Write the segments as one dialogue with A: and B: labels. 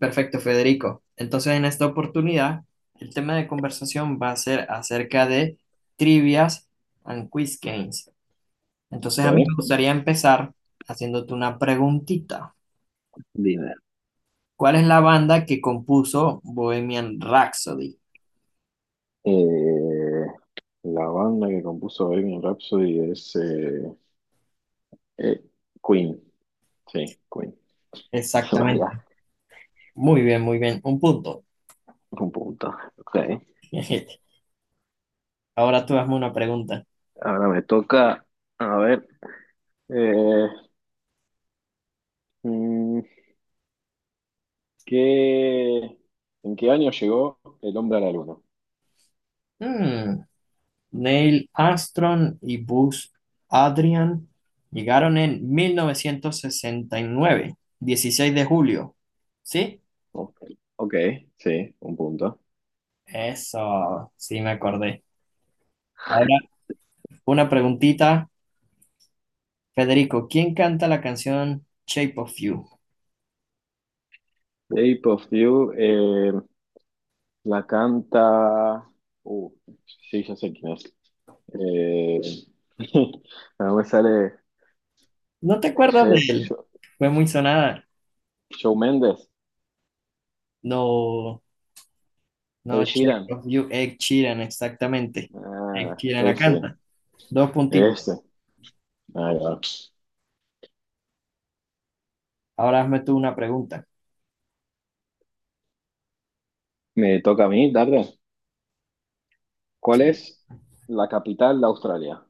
A: Perfecto, Federico. Entonces, en esta oportunidad, el tema de conversación va a ser acerca de trivias and quiz games. Entonces, a mí me
B: Ok.
A: gustaría empezar haciéndote una preguntita.
B: Dime.
A: ¿Cuál es la banda que compuso Bohemian Rhapsody?
B: Eh, la banda que compuso Bohemian Rhapsody es eh, Queen. Sí, Queen. Se me había
A: Exactamente. Muy bien, muy bien. Un punto.
B: un punto. Ok.
A: Ahora tú hazme una pregunta.
B: Ahora me toca, a ver, eh, mm, ¿qué, en qué año llegó el hombre a la luna?
A: Hmm, Neil Armstrong y Buzz Adrian llegaron en 1969, 16 de julio. ¿Sí?
B: Ok, ok, sí, un punto.
A: Eso, sí me acordé. Ahora, una preguntita, Federico, ¿quién canta la canción Shape of You?
B: Shape of You la canta. Uh, sí, ya sé quién es. Eh, no me sale.
A: ¿No te
B: eh,
A: acuerdas de
B: Sho-
A: él?
B: Sho-
A: Fue muy sonada.
B: Shawn Mendes,
A: No,
B: Ed
A: no, Shape
B: Sheeran.
A: of You, Ed Sheeran, exactamente. Ed
B: Ah,
A: Sheeran la
B: ese,
A: canta. Dos puntitos.
B: ese. Ahí va.
A: Ahora hazme tú una pregunta.
B: Me toca a mí, Darle. ¿Cuál es la capital de Australia?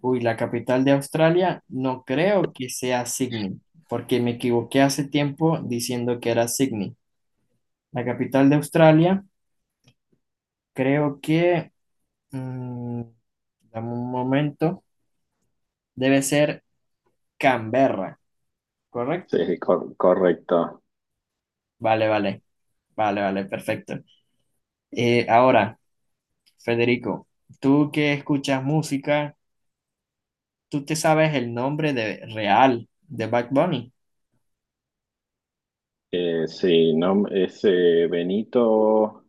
A: Uy, la capital de Australia no creo que sea Sydney, porque me equivoqué hace tiempo diciendo que era Sydney. La capital de Australia creo que, mm, dame un momento, debe ser Canberra, ¿correcto?
B: Sí, correcto.
A: Vale, vale, vale, vale, perfecto. Ahora, Federico, tú que escuchas música, ¿tú te sabes el nombre de real de Bad Bunny?
B: Sí, no, es Benito.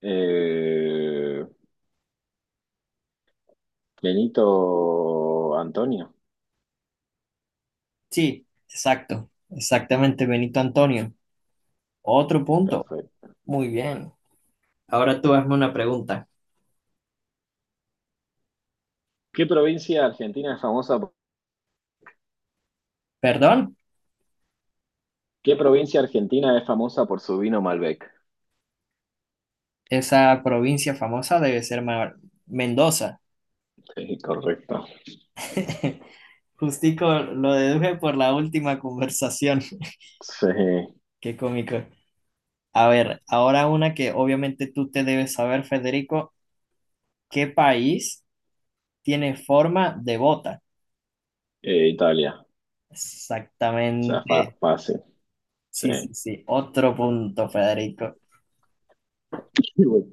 B: eh, Benito Antonio,
A: Sí, exacto, exactamente, Benito Antonio. Otro punto.
B: perfecto.
A: Muy bien. Ahora tú hazme una pregunta.
B: ¿Qué provincia argentina es famosa
A: Perdón,
B: ¿qué provincia argentina es famosa por su vino Malbec?
A: esa provincia famosa debe ser Mendoza.
B: Sí, correcto.
A: Justico lo deduje por la última conversación.
B: Sí,
A: Qué cómico. A ver, ahora una que obviamente tú te debes saber, Federico. ¿Qué país tiene forma de bota?
B: Italia. O sea,
A: Exactamente.
B: fácil. Sí.
A: Sí, sí, sí. Otro punto, Federico.
B: Bueno,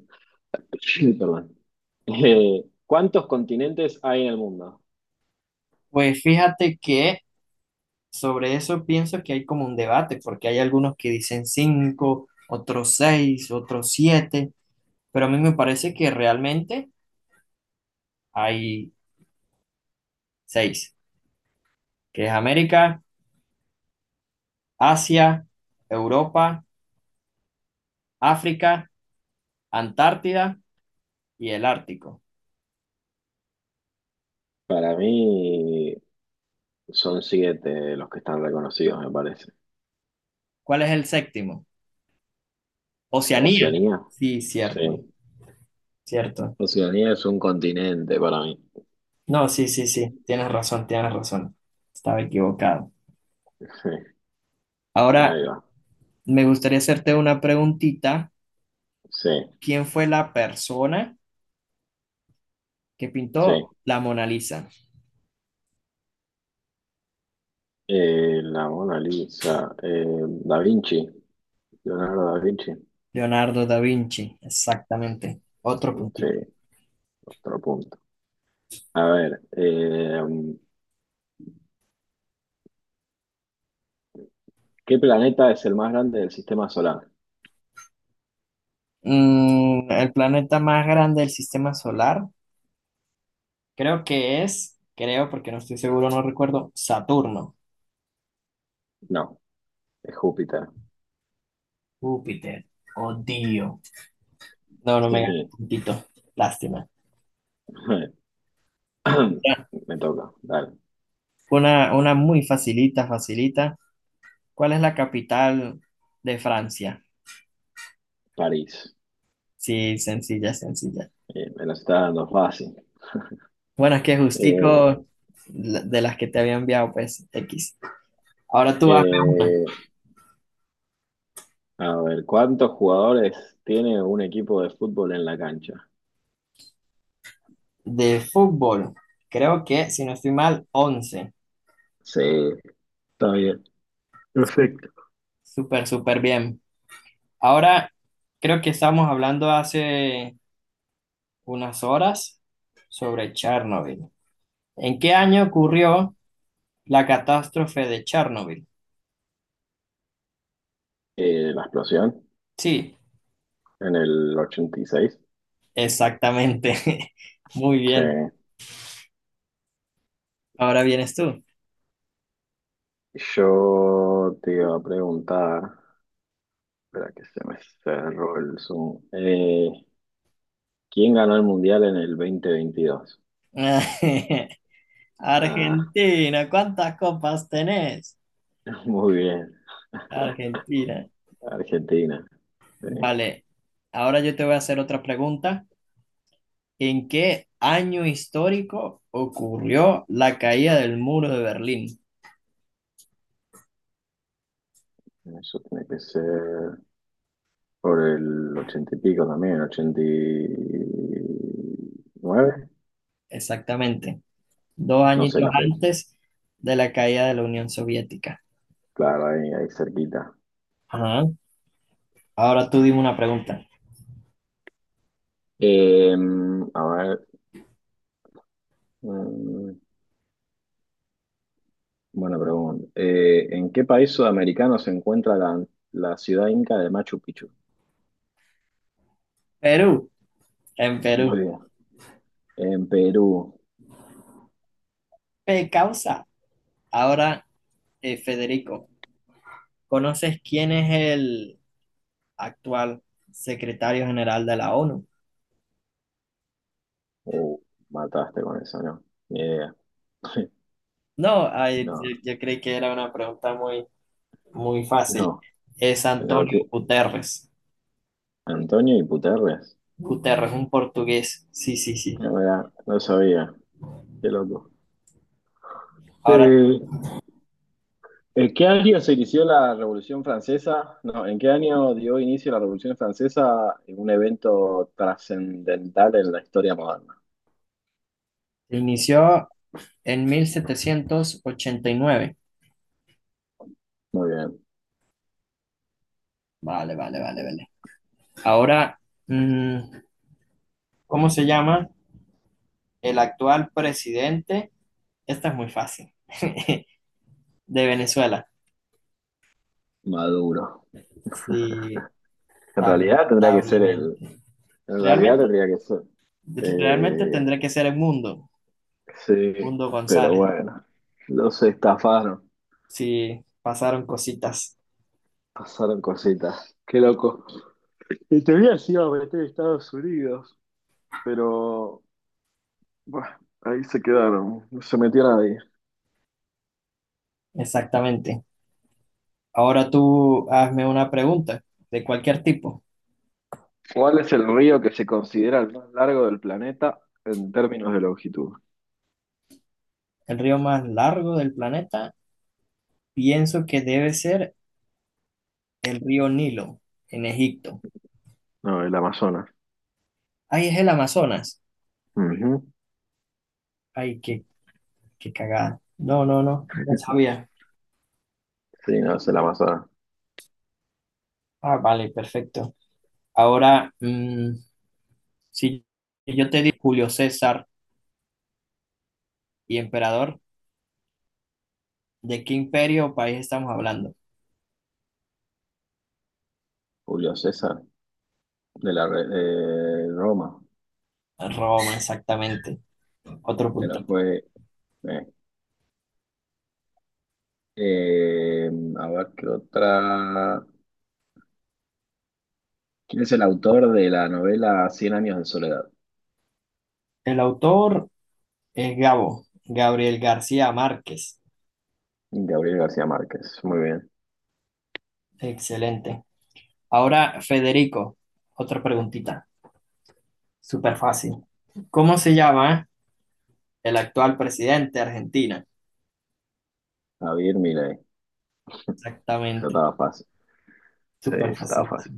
B: perdón. ¿Cuántos continentes hay en el mundo?
A: Pues fíjate que sobre eso pienso que hay como un debate, porque hay algunos que dicen cinco, otros seis, otros siete, pero a mí me parece que realmente hay seis, que es América, Asia, Europa, África, Antártida y el Ártico.
B: Para mí son siete los que están reconocidos, me parece.
A: ¿Cuál es el séptimo? Oceanía.
B: Oceanía,
A: Sí, cierto,
B: sí.
A: cierto.
B: Oceanía es un continente para mí.
A: No, sí, sí, sí, tienes razón, tienes razón. Estaba equivocado. Ahora,
B: Ahí va.
A: me gustaría hacerte una preguntita.
B: Sí,
A: ¿Quién fue la persona que
B: sí.
A: pintó la Mona Lisa?
B: La Mona Lisa, Da Vinci, Leonardo da Vinci.
A: Leonardo da Vinci, exactamente. Otro
B: Sí,
A: puntito.
B: otro punto. A ver, ¿qué planeta es el más grande del sistema solar?
A: El planeta más grande del sistema solar, creo que es, creo porque no estoy seguro, no recuerdo, Saturno,
B: No, es Júpiter.
A: Júpiter, odio. No, no me gana
B: Sí.
A: puntito, lástima. Ya,
B: Me toca, dale.
A: una muy facilita, facilita. ¿Cuál es la capital de Francia?
B: París.
A: Sí, sencilla, sencilla.
B: Me lo está dando fácil.
A: Bueno, es que
B: Eh,
A: justico de las que te había enviado, pues, X. Ahora tú hazme una.
B: eh, a ver, ¿cuántos jugadores tiene un equipo de fútbol en la cancha?
A: De fútbol, creo que, si no estoy mal, 11.
B: Sí, está bien. Perfecto.
A: Súper, súper bien. Ahora, creo que estamos hablando hace unas horas sobre Chernobyl. ¿En qué año ocurrió la catástrofe de Chernobyl?
B: La explosión
A: Sí,
B: en el 86.
A: exactamente. Muy
B: Sí.
A: bien. Ahora vienes tú.
B: Yo te iba a preguntar, espera que se me cerró el Zoom. ¿Quién ganó el Mundial en el 2022? Ah,
A: Argentina, ¿cuántas copas tenés?
B: muy bien.
A: Argentina.
B: Argentina. Sí.
A: Vale, ahora yo te voy a hacer otra pregunta. ¿En qué año histórico ocurrió la caída del muro de Berlín?
B: Eso tiene que ser por el ochenta y pico también, el 89.
A: Exactamente, dos
B: No sé
A: añitos
B: la fecha.
A: antes de la caída de la Unión Soviética.
B: Claro, ahí, ahí cerquita.
A: Ajá. Ahora tú dime una pregunta.
B: Eh, a ver. mm, Buena pregunta. ¿En qué país sudamericano se encuentra la ciudad inca de Machu Picchu?
A: Perú, en Perú.
B: Muy bien. En Perú.
A: ¿Qué causa? Ahora, Federico, ¿conoces quién es el actual secretario general de la ONU?
B: Uh, Mataste con eso, ¿no? Ni idea.
A: No, ay, yo,
B: No,
A: yo creí que era una pregunta muy, muy fácil.
B: no.
A: Es
B: No,
A: Antonio
B: ¿qué?
A: Guterres.
B: Antonio y Puterres.
A: Guterres, un portugués. Sí, sí, sí.
B: La verdad, no sabía. Qué loco.
A: Ahora,
B: Eh, ¿En qué año se inició la Revolución Francesa? No, ¿en qué año dio inicio la Revolución Francesa en un evento trascendental en la historia moderna?
A: inició en 1789.
B: Muy bien.
A: Vale, vale, vale, vale. Ahora, mm, ¿cómo se llama el actual presidente? Esta es muy fácil. De Venezuela.
B: Maduro.
A: Sí,
B: En realidad tendría que ser el,
A: lamentablemente.
B: En realidad
A: Realmente,
B: tendría que ser.
A: realmente
B: Eh,
A: tendré que ser el mundo.
B: sí,
A: Mundo
B: pero
A: González.
B: bueno, los estafaron,
A: Sí, pasaron cositas.
B: pasaron cositas. Qué loco. En teoría se iba a meter a Estados Unidos, pero bueno, ahí se quedaron, no se metió nadie.
A: Exactamente. Ahora tú hazme una pregunta de cualquier tipo.
B: ¿Cuál es el río que se considera el más largo del planeta en términos de longitud?
A: El río más largo del planeta, pienso que debe ser el río Nilo, en Egipto.
B: No, el Amazonas.
A: Ay, es el Amazonas.
B: Ujú.
A: Ay, qué cagada. No, no, no, no sabía.
B: Sí, no, es el Amazonas.
A: Ah, vale, perfecto. Ahora, si yo te digo Julio César y emperador, ¿de qué imperio o país estamos hablando?
B: Julio César, de Roma,
A: Roma, exactamente. Otro
B: pero
A: puntito.
B: fue... eh, Eh, a ver qué otra. ¿Quién es el autor de la novela Cien años de soledad?
A: El autor es Gabo, Gabriel García Márquez.
B: Gabriel García Márquez. Muy bien.
A: Excelente. Ahora, Federico, otra preguntita. Súper fácil. ¿Cómo se llama el actual presidente de Argentina?
B: Javier Milei. Eso
A: Exactamente.
B: estaba fácil. Sí,
A: Súper
B: estaba
A: fácil.
B: fácil.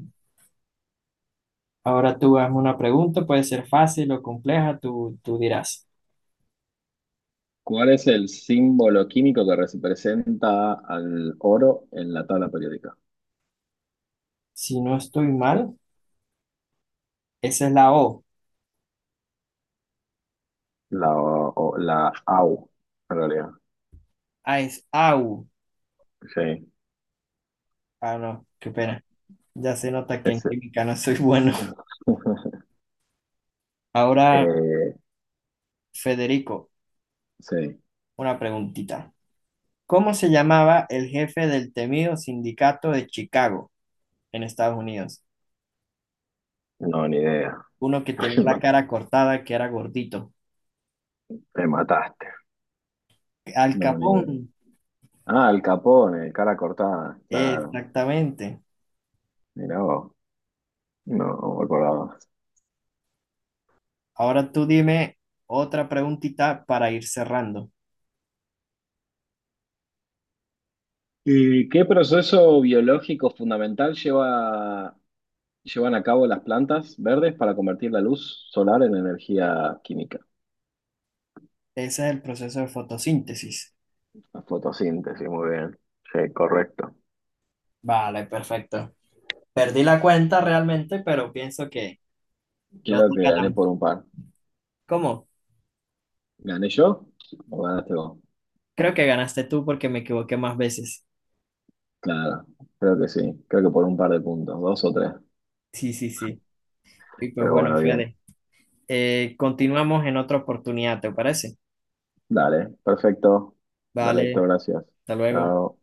A: Ahora tú hazme una pregunta, puede ser fácil o compleja, tú dirás.
B: ¿Cuál es el símbolo químico que representa al oro en la tabla periódica?
A: Si no estoy mal, esa es la O.
B: La AU, en realidad.
A: Ah, es AU.
B: Sí,
A: Ah, no, qué pena. Ya se nota que en
B: ese.
A: química no soy bueno. Ahora,
B: Eh,
A: Federico,
B: sí,
A: una preguntita. ¿Cómo se llamaba el jefe del temido sindicato de Chicago en Estados Unidos?
B: no, ni idea.
A: Uno que tenía la cara cortada, que era gordito.
B: Me mataste.
A: Al
B: No, ni idea.
A: Capón,
B: Ah, el Capone, cara cortada, claro.
A: exactamente.
B: Mirá vos, no me acordaba.
A: Ahora tú dime otra preguntita para ir cerrando.
B: ¿Y qué proceso biológico fundamental llevan a cabo las plantas verdes para convertir la luz solar en energía química?
A: Ese es el proceso de fotosíntesis.
B: La fotosíntesis, muy bien. Sí, correcto.
A: Vale, perfecto. Perdí la cuenta realmente, pero pienso que los
B: Creo
A: dos
B: que gané
A: ganamos.
B: por un par.
A: ¿Cómo?
B: ¿Gané yo o ganaste vos?
A: Creo que ganaste tú porque me equivoqué más veces.
B: Claro, creo que sí. Creo que por un par de puntos, dos o tres.
A: Sí, sí, sí. Y pues
B: Pero
A: bueno,
B: bueno, bien.
A: Fede, continuamos en otra oportunidad, ¿te parece?
B: Dale, perfecto. Dale, Héctor,
A: Vale,
B: gracias.
A: hasta luego.
B: Chao.